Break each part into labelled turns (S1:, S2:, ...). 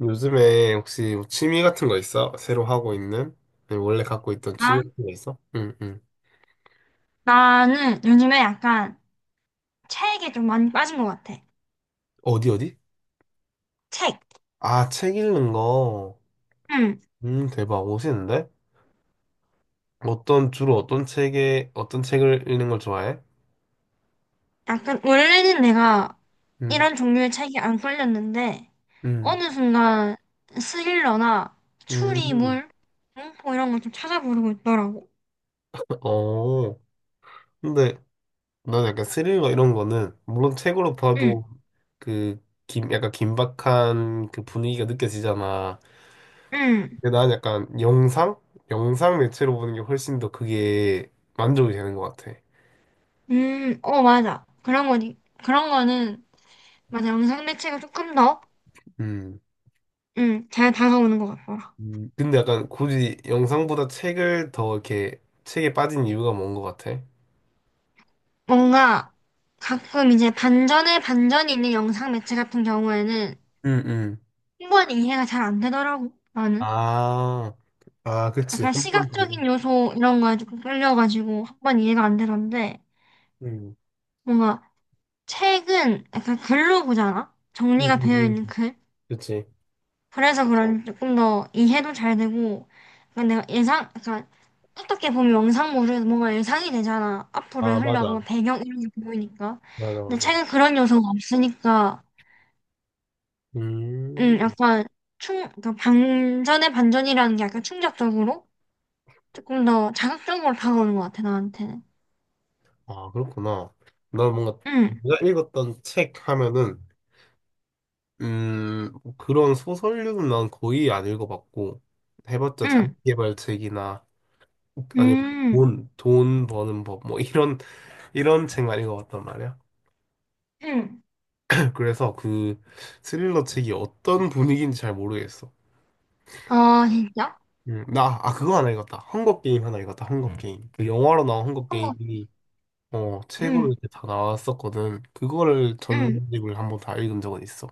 S1: 요즘에 혹시 뭐 취미 같은 거 있어? 새로 하고 있는? 아니, 원래 갖고 있던 취미
S2: 나?
S1: 같은 거 있어? 응, 응.
S2: 나는 요즘에 약간 책에 좀 많이 빠진 것 같아.
S1: 어디, 어디?
S2: 책.
S1: 아, 책 읽는 거.
S2: 응.
S1: 대박. 멋있는데? 주로 어떤 책을 읽는 걸 좋아해?
S2: 약간 원래는 내가
S1: 음,
S2: 이런 종류의 책이 안 끌렸는데
S1: 음,
S2: 어느 순간 스릴러나
S1: 음.
S2: 추리물, 공포 이런 걸 좀 찾아보려고 했더라고.
S1: 어. 근데 난 약간 스릴러 이런 거는, 물론 책으로
S2: 응.
S1: 봐도 그, 약간 긴박한 그 분위기가 느껴지잖아.
S2: 응.
S1: 근데 난 약간 영상? 영상 매체로 보는 게 훨씬 더 그게 만족이 되는 것 같아.
S2: 어, 맞아. 그런 거니? 그런 거는 맞아. 영상 매체가 조금 더,
S1: 음.
S2: 응, 잘 다가오는 것 같더라.
S1: 근데 약간 굳이 영상보다 책을 더 이렇게 책에 빠진 이유가 뭔 것 같아?
S2: 뭔가 가끔 이제 반전에 반전이 있는 영상 매체 같은 경우에는
S1: 응응.
S2: 충분히 이해가 잘 안 되더라고, 나는.
S1: 아, 아, 그치.
S2: 약간
S1: 한 번 보고.
S2: 시각적인 요소 이런 거에 조금 끌려가지고 한 번 이해가 안 되던데,
S1: 응응응.
S2: 뭔가 책은 약간 글로 보잖아? 정리가 되어 있는 글.
S1: 그치.
S2: 그래서 그런지 조금 더 이해도 잘 되고, 약간 내가 예상, 약간 어떻게 보면 영상물은 뭔가 예상이 되잖아. 앞으로의
S1: 아,
S2: 흘러가
S1: 맞아.
S2: 뭐 배경 이런 게 보이니까.
S1: 맞아,
S2: 근데
S1: 맞아.
S2: 책은 그런 요소가 없으니까,
S1: 음,
S2: 약간 그러니까 반전의 반전이라는 게 약간 충격적으로? 조금 더 자극적으로 다가오는 것 같아, 나한테는.
S1: 아, 그렇구나. 나 뭔가
S2: 응,
S1: 내가 읽었던 책 하면은 음, 그런 소설류는 난 거의 안 읽어봤고, 해봤자
S2: 응,
S1: 자기계발책이나, 아니면 뭐
S2: 응,
S1: 돈 버는 법, 뭐 이런 책만 읽어봤단 말이야.
S2: 응.
S1: 그래서 스릴러 책이 어떤 분위기인지 잘 모르겠어.
S2: 아, 진짜?
S1: 아, 그거 하나 읽었다. 헝거 게임 하나 읽었다. 헝거 게임. 그 영화로 나온 헝거
S2: 한국,
S1: 게임이, 책으로
S2: 응,
S1: 이렇게 다 나왔었거든. 그거를
S2: 응,
S1: 전집을 한번 다 읽은 적은 있어.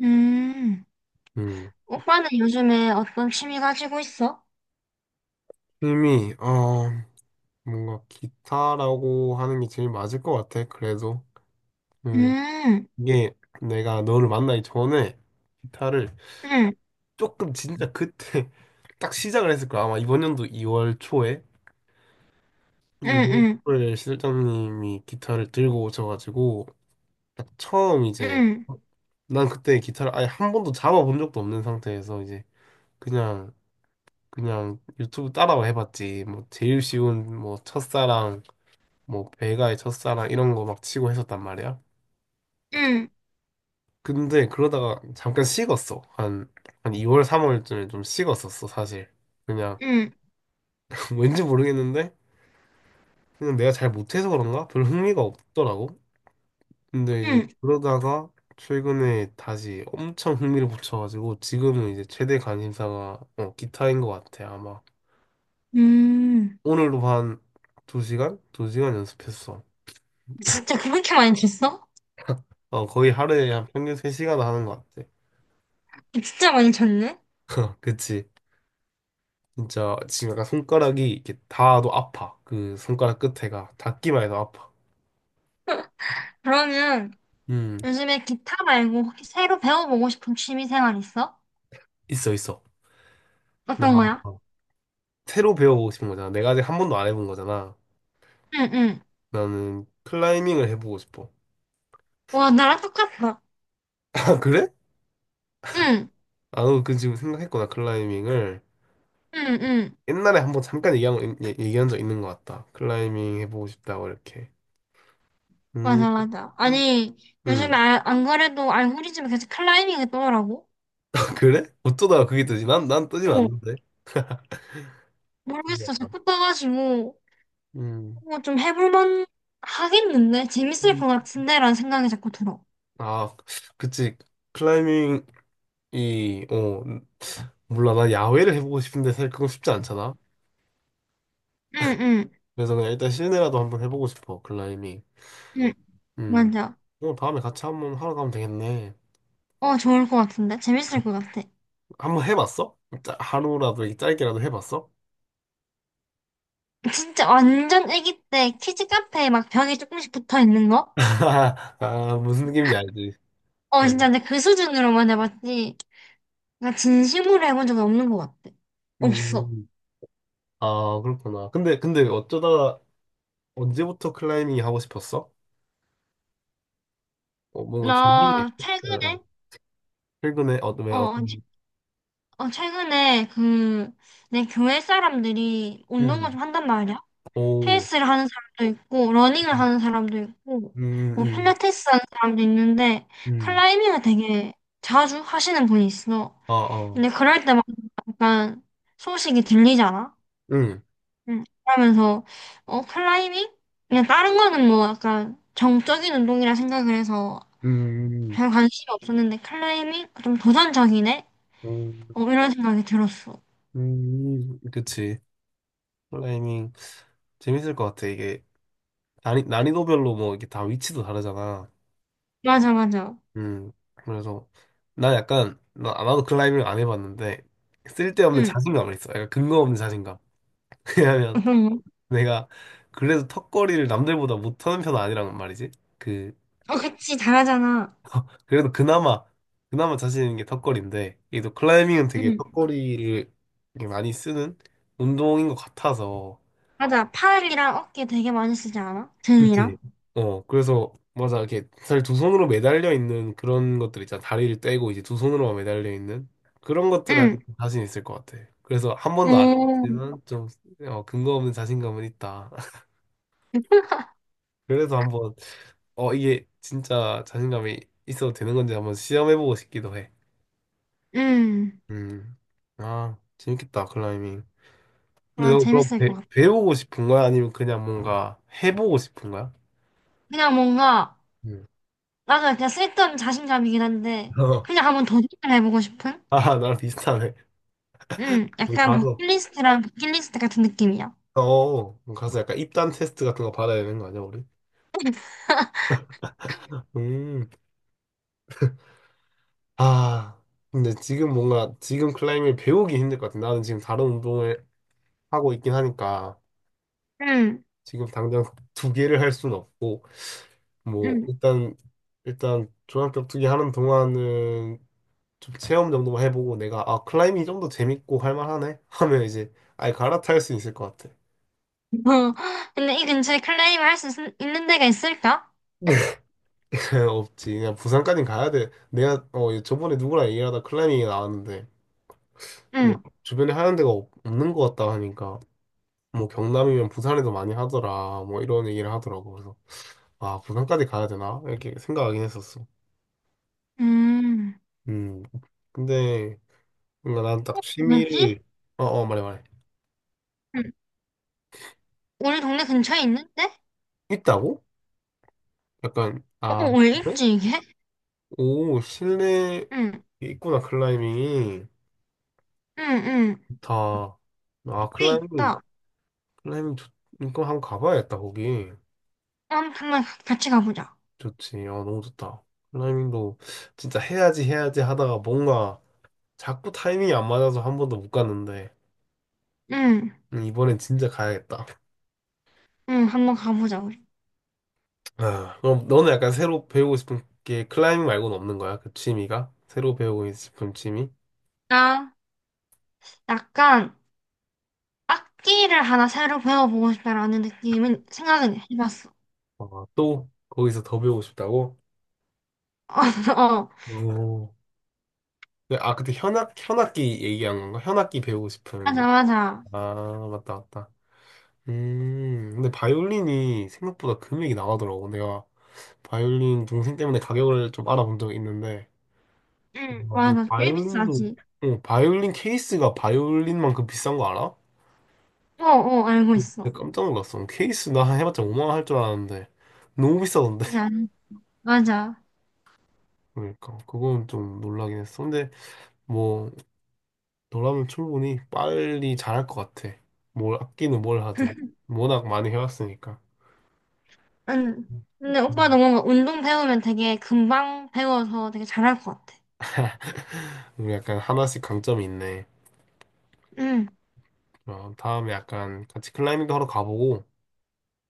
S2: 응.
S1: 음,
S2: 오빠는 요즘에 어떤 취미 가지고 있어?
S1: 이미, 어, 뭔가 기타라고 하는 게 제일 맞을 것 같아. 그래도 음
S2: 응,
S1: 이게 내가 너를 만나기 전에 기타를
S2: 응,
S1: 조금 진짜 그때 딱 시작을 했을 거야. 아마 이번 연도 2월 초에
S2: 응,
S1: 2월
S2: 응,
S1: 초에 실장님이 기타를 들고 오셔가지고 딱 처음 이제
S2: 응,
S1: 난 그때 기타를 아예 한 번도 잡아본 적도 없는 상태에서 이제 그냥 그냥 유튜브 따라와 해봤지. 뭐 제일 쉬운 뭐 첫사랑, 뭐 배가의 첫사랑 이런 거 막 치고 했었단 말이야.
S2: 응,
S1: 근데 그러다가 잠깐 식었어. 한 2월, 3월쯤에 좀 식었었어, 사실. 그냥,
S2: 응,
S1: 왠지 모르겠는데, 그냥 내가 잘 못해서 그런가? 별 흥미가 없더라고. 근데 이제
S2: 응.
S1: 그러다가 최근에 다시 엄청 흥미를 붙여가지고, 지금은 이제 최대 관심사가, 기타인 것 같아, 아마.
S2: 음,
S1: 오늘도 한 2시간? 2시간 연습했어.
S2: 진짜 그렇게 많이 쳤어?
S1: 어, 거의 하루에 한 평균 3시간 하는 것 같아.
S2: 진짜 많이 쳤네?
S1: 그치? 진짜 지금 약간 손가락이 이렇게 닿아도 아파. 그 손가락 끝에가 닿기만 해도 아파.
S2: 그러면
S1: 음,
S2: 요즘에 기타 말고 혹시 새로 배워보고 싶은 취미 생활 있어?
S1: 있어, 있어. 나
S2: 어떤 거야?
S1: 새로 배워보고 싶은 거잖아. 내가 아직 한 번도 안 해본 거잖아.
S2: 응, 응.
S1: 나는 클라이밍을 해보고 싶어.
S2: 와, 나랑 똑같다.
S1: 아, 그래?
S2: 응.
S1: 아, 그 지금 생각했구나, 클라이밍을.
S2: 응, 응.
S1: 옛날에 한번 잠깐 얘기한 적 있는 것 같다. 클라이밍 해보고 싶다고, 이렇게. 음,
S2: 맞아, 맞아. 아니, 요즘에
S1: 음.
S2: 안 그래도 알고리즘에 계속 클라이밍이 떠더라고.
S1: 그래? 어쩌다가 그게 뜨지? 난 뜨지
S2: 어,
S1: 않는데.
S2: 모르겠어.
S1: 신기하다.
S2: 자꾸 떠가지고,
S1: 음.
S2: 이거 좀 해볼만 하겠는데? 재밌을
S1: 음.
S2: 것 같은데? 라는 생각이 자꾸 들어.
S1: 아, 그치. 클라이밍. 이, 어, 몰라. 나 야외를 해보고 싶은데 사실 그건 쉽지 않잖아.
S2: 응, 응,
S1: 그래서 그냥 일단 실내라도 한번 해보고 싶어. 클라이밍.
S2: 응.
S1: 음.
S2: 맞아.
S1: 그럼 다음에 같이 한번 하러 가면 되겠네.
S2: 어, 좋을 것 같은데? 재밌을 것 같아.
S1: 한번 해봤어? 하루라도 이렇게 짧게라도 해봤어?
S2: 진짜 완전 애기 때 키즈 카페에 막 벽에 조금씩 붙어 있는 거?
S1: 아, 무슨 느낌인지 알지?
S2: 어, 진짜
S1: 응.
S2: 근데 그 수준으로만 해봤지. 나 진심으로 해본 적이 없는 것 같아. 없어.
S1: 음. 아, 그렇구나. 근데 어쩌다 언제부터 클라이밍이 하고 싶었어? 어, 뭔가 계기가
S2: 나
S1: 있어? 응.
S2: 최근에,
S1: 최근에, 왜,
S2: 어,
S1: 어떤,
S2: 어, 최근에 그, 내 교회 사람들이
S1: 음.
S2: 운동을 좀 한단 말이야.
S1: 오.
S2: 헬스를 하는 사람도 있고, 러닝을 하는 사람도 있고,
S1: 음,
S2: 뭐,
S1: 음,
S2: 필라테스 하는 사람도 있는데,
S1: 음.
S2: 클라이밍을 되게 자주 하시는 분이 있어.
S1: 아, 아.
S2: 근데 그럴 때마다 약간 소식이 들리잖아.
S1: 응.
S2: 응. 그러면서, 어, 클라이밍? 그냥 다른 거는 뭐 약간 정적인 운동이라 생각을 해서
S1: 음,
S2: 별 관심이 없었는데, 클라이밍? 좀 도전적이네?
S1: 음,
S2: 어, 이런 생각이 들었어.
S1: 그치. 클라이밍. 재밌을 것 같아. 이게 난이도별로 뭐 이게 다 위치도 다르잖아.
S2: 맞아, 맞아.
S1: 그래서 난 약간, 나도 클라이밍을 안 해봤는데 쓸데없는
S2: 응.
S1: 자신감을 있어. 약간 근거 없는 자신감. 왜냐면
S2: 응.
S1: 내가 그래도 턱걸이를 남들보다 못하는 편은 아니란 말이지. 그,
S2: 어, 그치, 잘하잖아.
S1: 그래도 그나마 자신 있는 게 턱걸이인데, 이게 또 클라이밍은 되게
S2: 응.
S1: 턱걸이를 게 많이 쓰는 운동인 것 같아서.
S2: 맞아. 팔이랑 어깨 되게 많이 쓰지 않아?
S1: 그치?
S2: 등이랑?
S1: 어, 그래서, 맞아. 이렇게 사실 두 손으로 매달려 있는 그런 것들 있잖아. 다리를 떼고 이제 두 손으로만 매달려 있는 그런 것들을 할때
S2: 응.
S1: 자신 있을 것 같아. 그래서 한 번도 안
S2: 오,
S1: 해봤지만 좀, 근거 없는 자신감은 있다. 그래서 한번, 이게 진짜 자신감이 있어도 되는 건지 한번 시험해보고 싶기도 해.
S2: 응.
S1: 음. 아, 재밌겠다. 클라이밍. 근데
S2: 아,
S1: 너 그거
S2: 재밌을 것
S1: 배,
S2: 같아.
S1: 배우고 싶은 거야? 아니면 그냥 뭔가 해보고 싶은 거야?
S2: 그냥 뭔가,
S1: 음.
S2: 나도 그냥 쓸데없는 자신감이긴 한데,
S1: 어,
S2: 그냥 한번 도전을 해보고 싶은?
S1: 아, 나랑 비슷하네.
S2: 응.
S1: 우리
S2: 약간
S1: 가서
S2: 버킷리스트랑 버킷리스트 같은 느낌이야.
S1: 가서 약간 입단 테스트 같은 거 받아야 되는 거 아니야, 우리? 음, 아, 근데 지금 뭔가, 지금 클라이밍 배우기 힘들 것 같아. 나는 지금 다른 운동을 하고 있긴 하니까,
S2: 응,
S1: 지금 당장 두 개를 할 수는 없고, 뭐,
S2: 응.
S1: 종합격 투기 하는 동안은 좀 체험 정도만 해보고, 내가, 아, 클라이밍이 좀 더 재밌고 할만하네? 하면 이제, 아예 갈아탈 수 있을 것 같아.
S2: 어, 근데 이 근처에 클레임 할 수 있는 데가 있을까?
S1: 없지. 그냥 부산까지 가야 돼. 내가, 저번에 누구랑 얘기하다 클라이밍이 나왔는데, 네,
S2: 응.
S1: 주변에 하는 데가 는것 같다 하니까 뭐 경남이면 부산에도 많이 하더라, 뭐 이런 얘기를 하더라고. 그래서 아, 부산까지 가야 되나 이렇게 생각하긴 했었어.
S2: 음,
S1: 음 근데 뭔가 난 딱
S2: 뭐지?
S1: 취미를. 말해, 말해.
S2: 응. 우리 동네 근처에 있는데?
S1: 있다고? 약간,
S2: 어,
S1: 아,
S2: 어, 왜
S1: 그래.
S2: 있지, 이게?
S1: 오, 실내
S2: 응.
S1: 있구나, 클라이밍이.
S2: 응, 응.
S1: 좋다. 아,
S2: 꽤
S1: 클라이밍
S2: 있다.
S1: 클라이밍 좋 이거 한번 가봐야겠다, 거기.
S2: 한, 같이 가보자.
S1: 좋지. 어, 너무 좋다. 클라이밍도 진짜 해야지 해야지 하다가 뭔가 자꾸 타이밍이 안 맞아서 한 번도 못 갔는데.
S2: 응,
S1: 이번엔 진짜 가야겠다.
S2: 응, 한번 가보자, 우리.
S1: 아, 그럼 너는 약간 새로 배우고 싶은 게 클라이밍 말고는 없는 거야? 그 취미가? 새로 배우고 싶은 취미?
S2: 나, 약간, 악기를 하나 새로 배워보고 싶다라는 느낌은 생각은 해봤어.
S1: 어, 또 거기서 더 배우고 싶다고?
S2: 어, 어.
S1: 오. 네, 아, 그때 현악기 얘기한 건가? 현악기 배우고 싶은.
S2: 맞아, 맞아.
S1: 아, 맞다, 맞다. 근데 바이올린이 생각보다 금액이 나가더라고. 내가 바이올린 동생 때문에 가격을 좀 알아본 적이 있는데,
S2: 응,
S1: 아, 무슨
S2: 맞아. 꽤
S1: 바이올린도.
S2: 비싸지.
S1: 어, 바이올린 케이스가 바이올린만큼 비싼 거 알아?
S2: 어, 어, 알고
S1: 진짜
S2: 있어.
S1: 깜짝 놀랐어. 케이스 나 해봤자 5만 원 할 줄 알았는데 너무 비싸던데.
S2: 맞아, 맞아.
S1: 그러니까 그건 좀 놀라긴 했어. 근데 뭐 너라면 충분히 빨리 잘할 것 같아. 뭘 아끼는 뭘 하든 워낙 많이 해왔으니까.
S2: 응. 근데 오빠
S1: 음.
S2: 너무 운동 배우면 되게 금방 배워서 되게 잘할 것 같아.
S1: 우리 약간 하나씩 강점이 있네.
S2: 응,
S1: 어, 다음에 약간 같이 클라이밍도 하러 가보고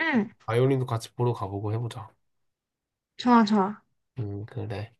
S2: 응.
S1: 바이올린도 같이 보러 가보고 해보자.
S2: 좋아, 좋아.
S1: 그래.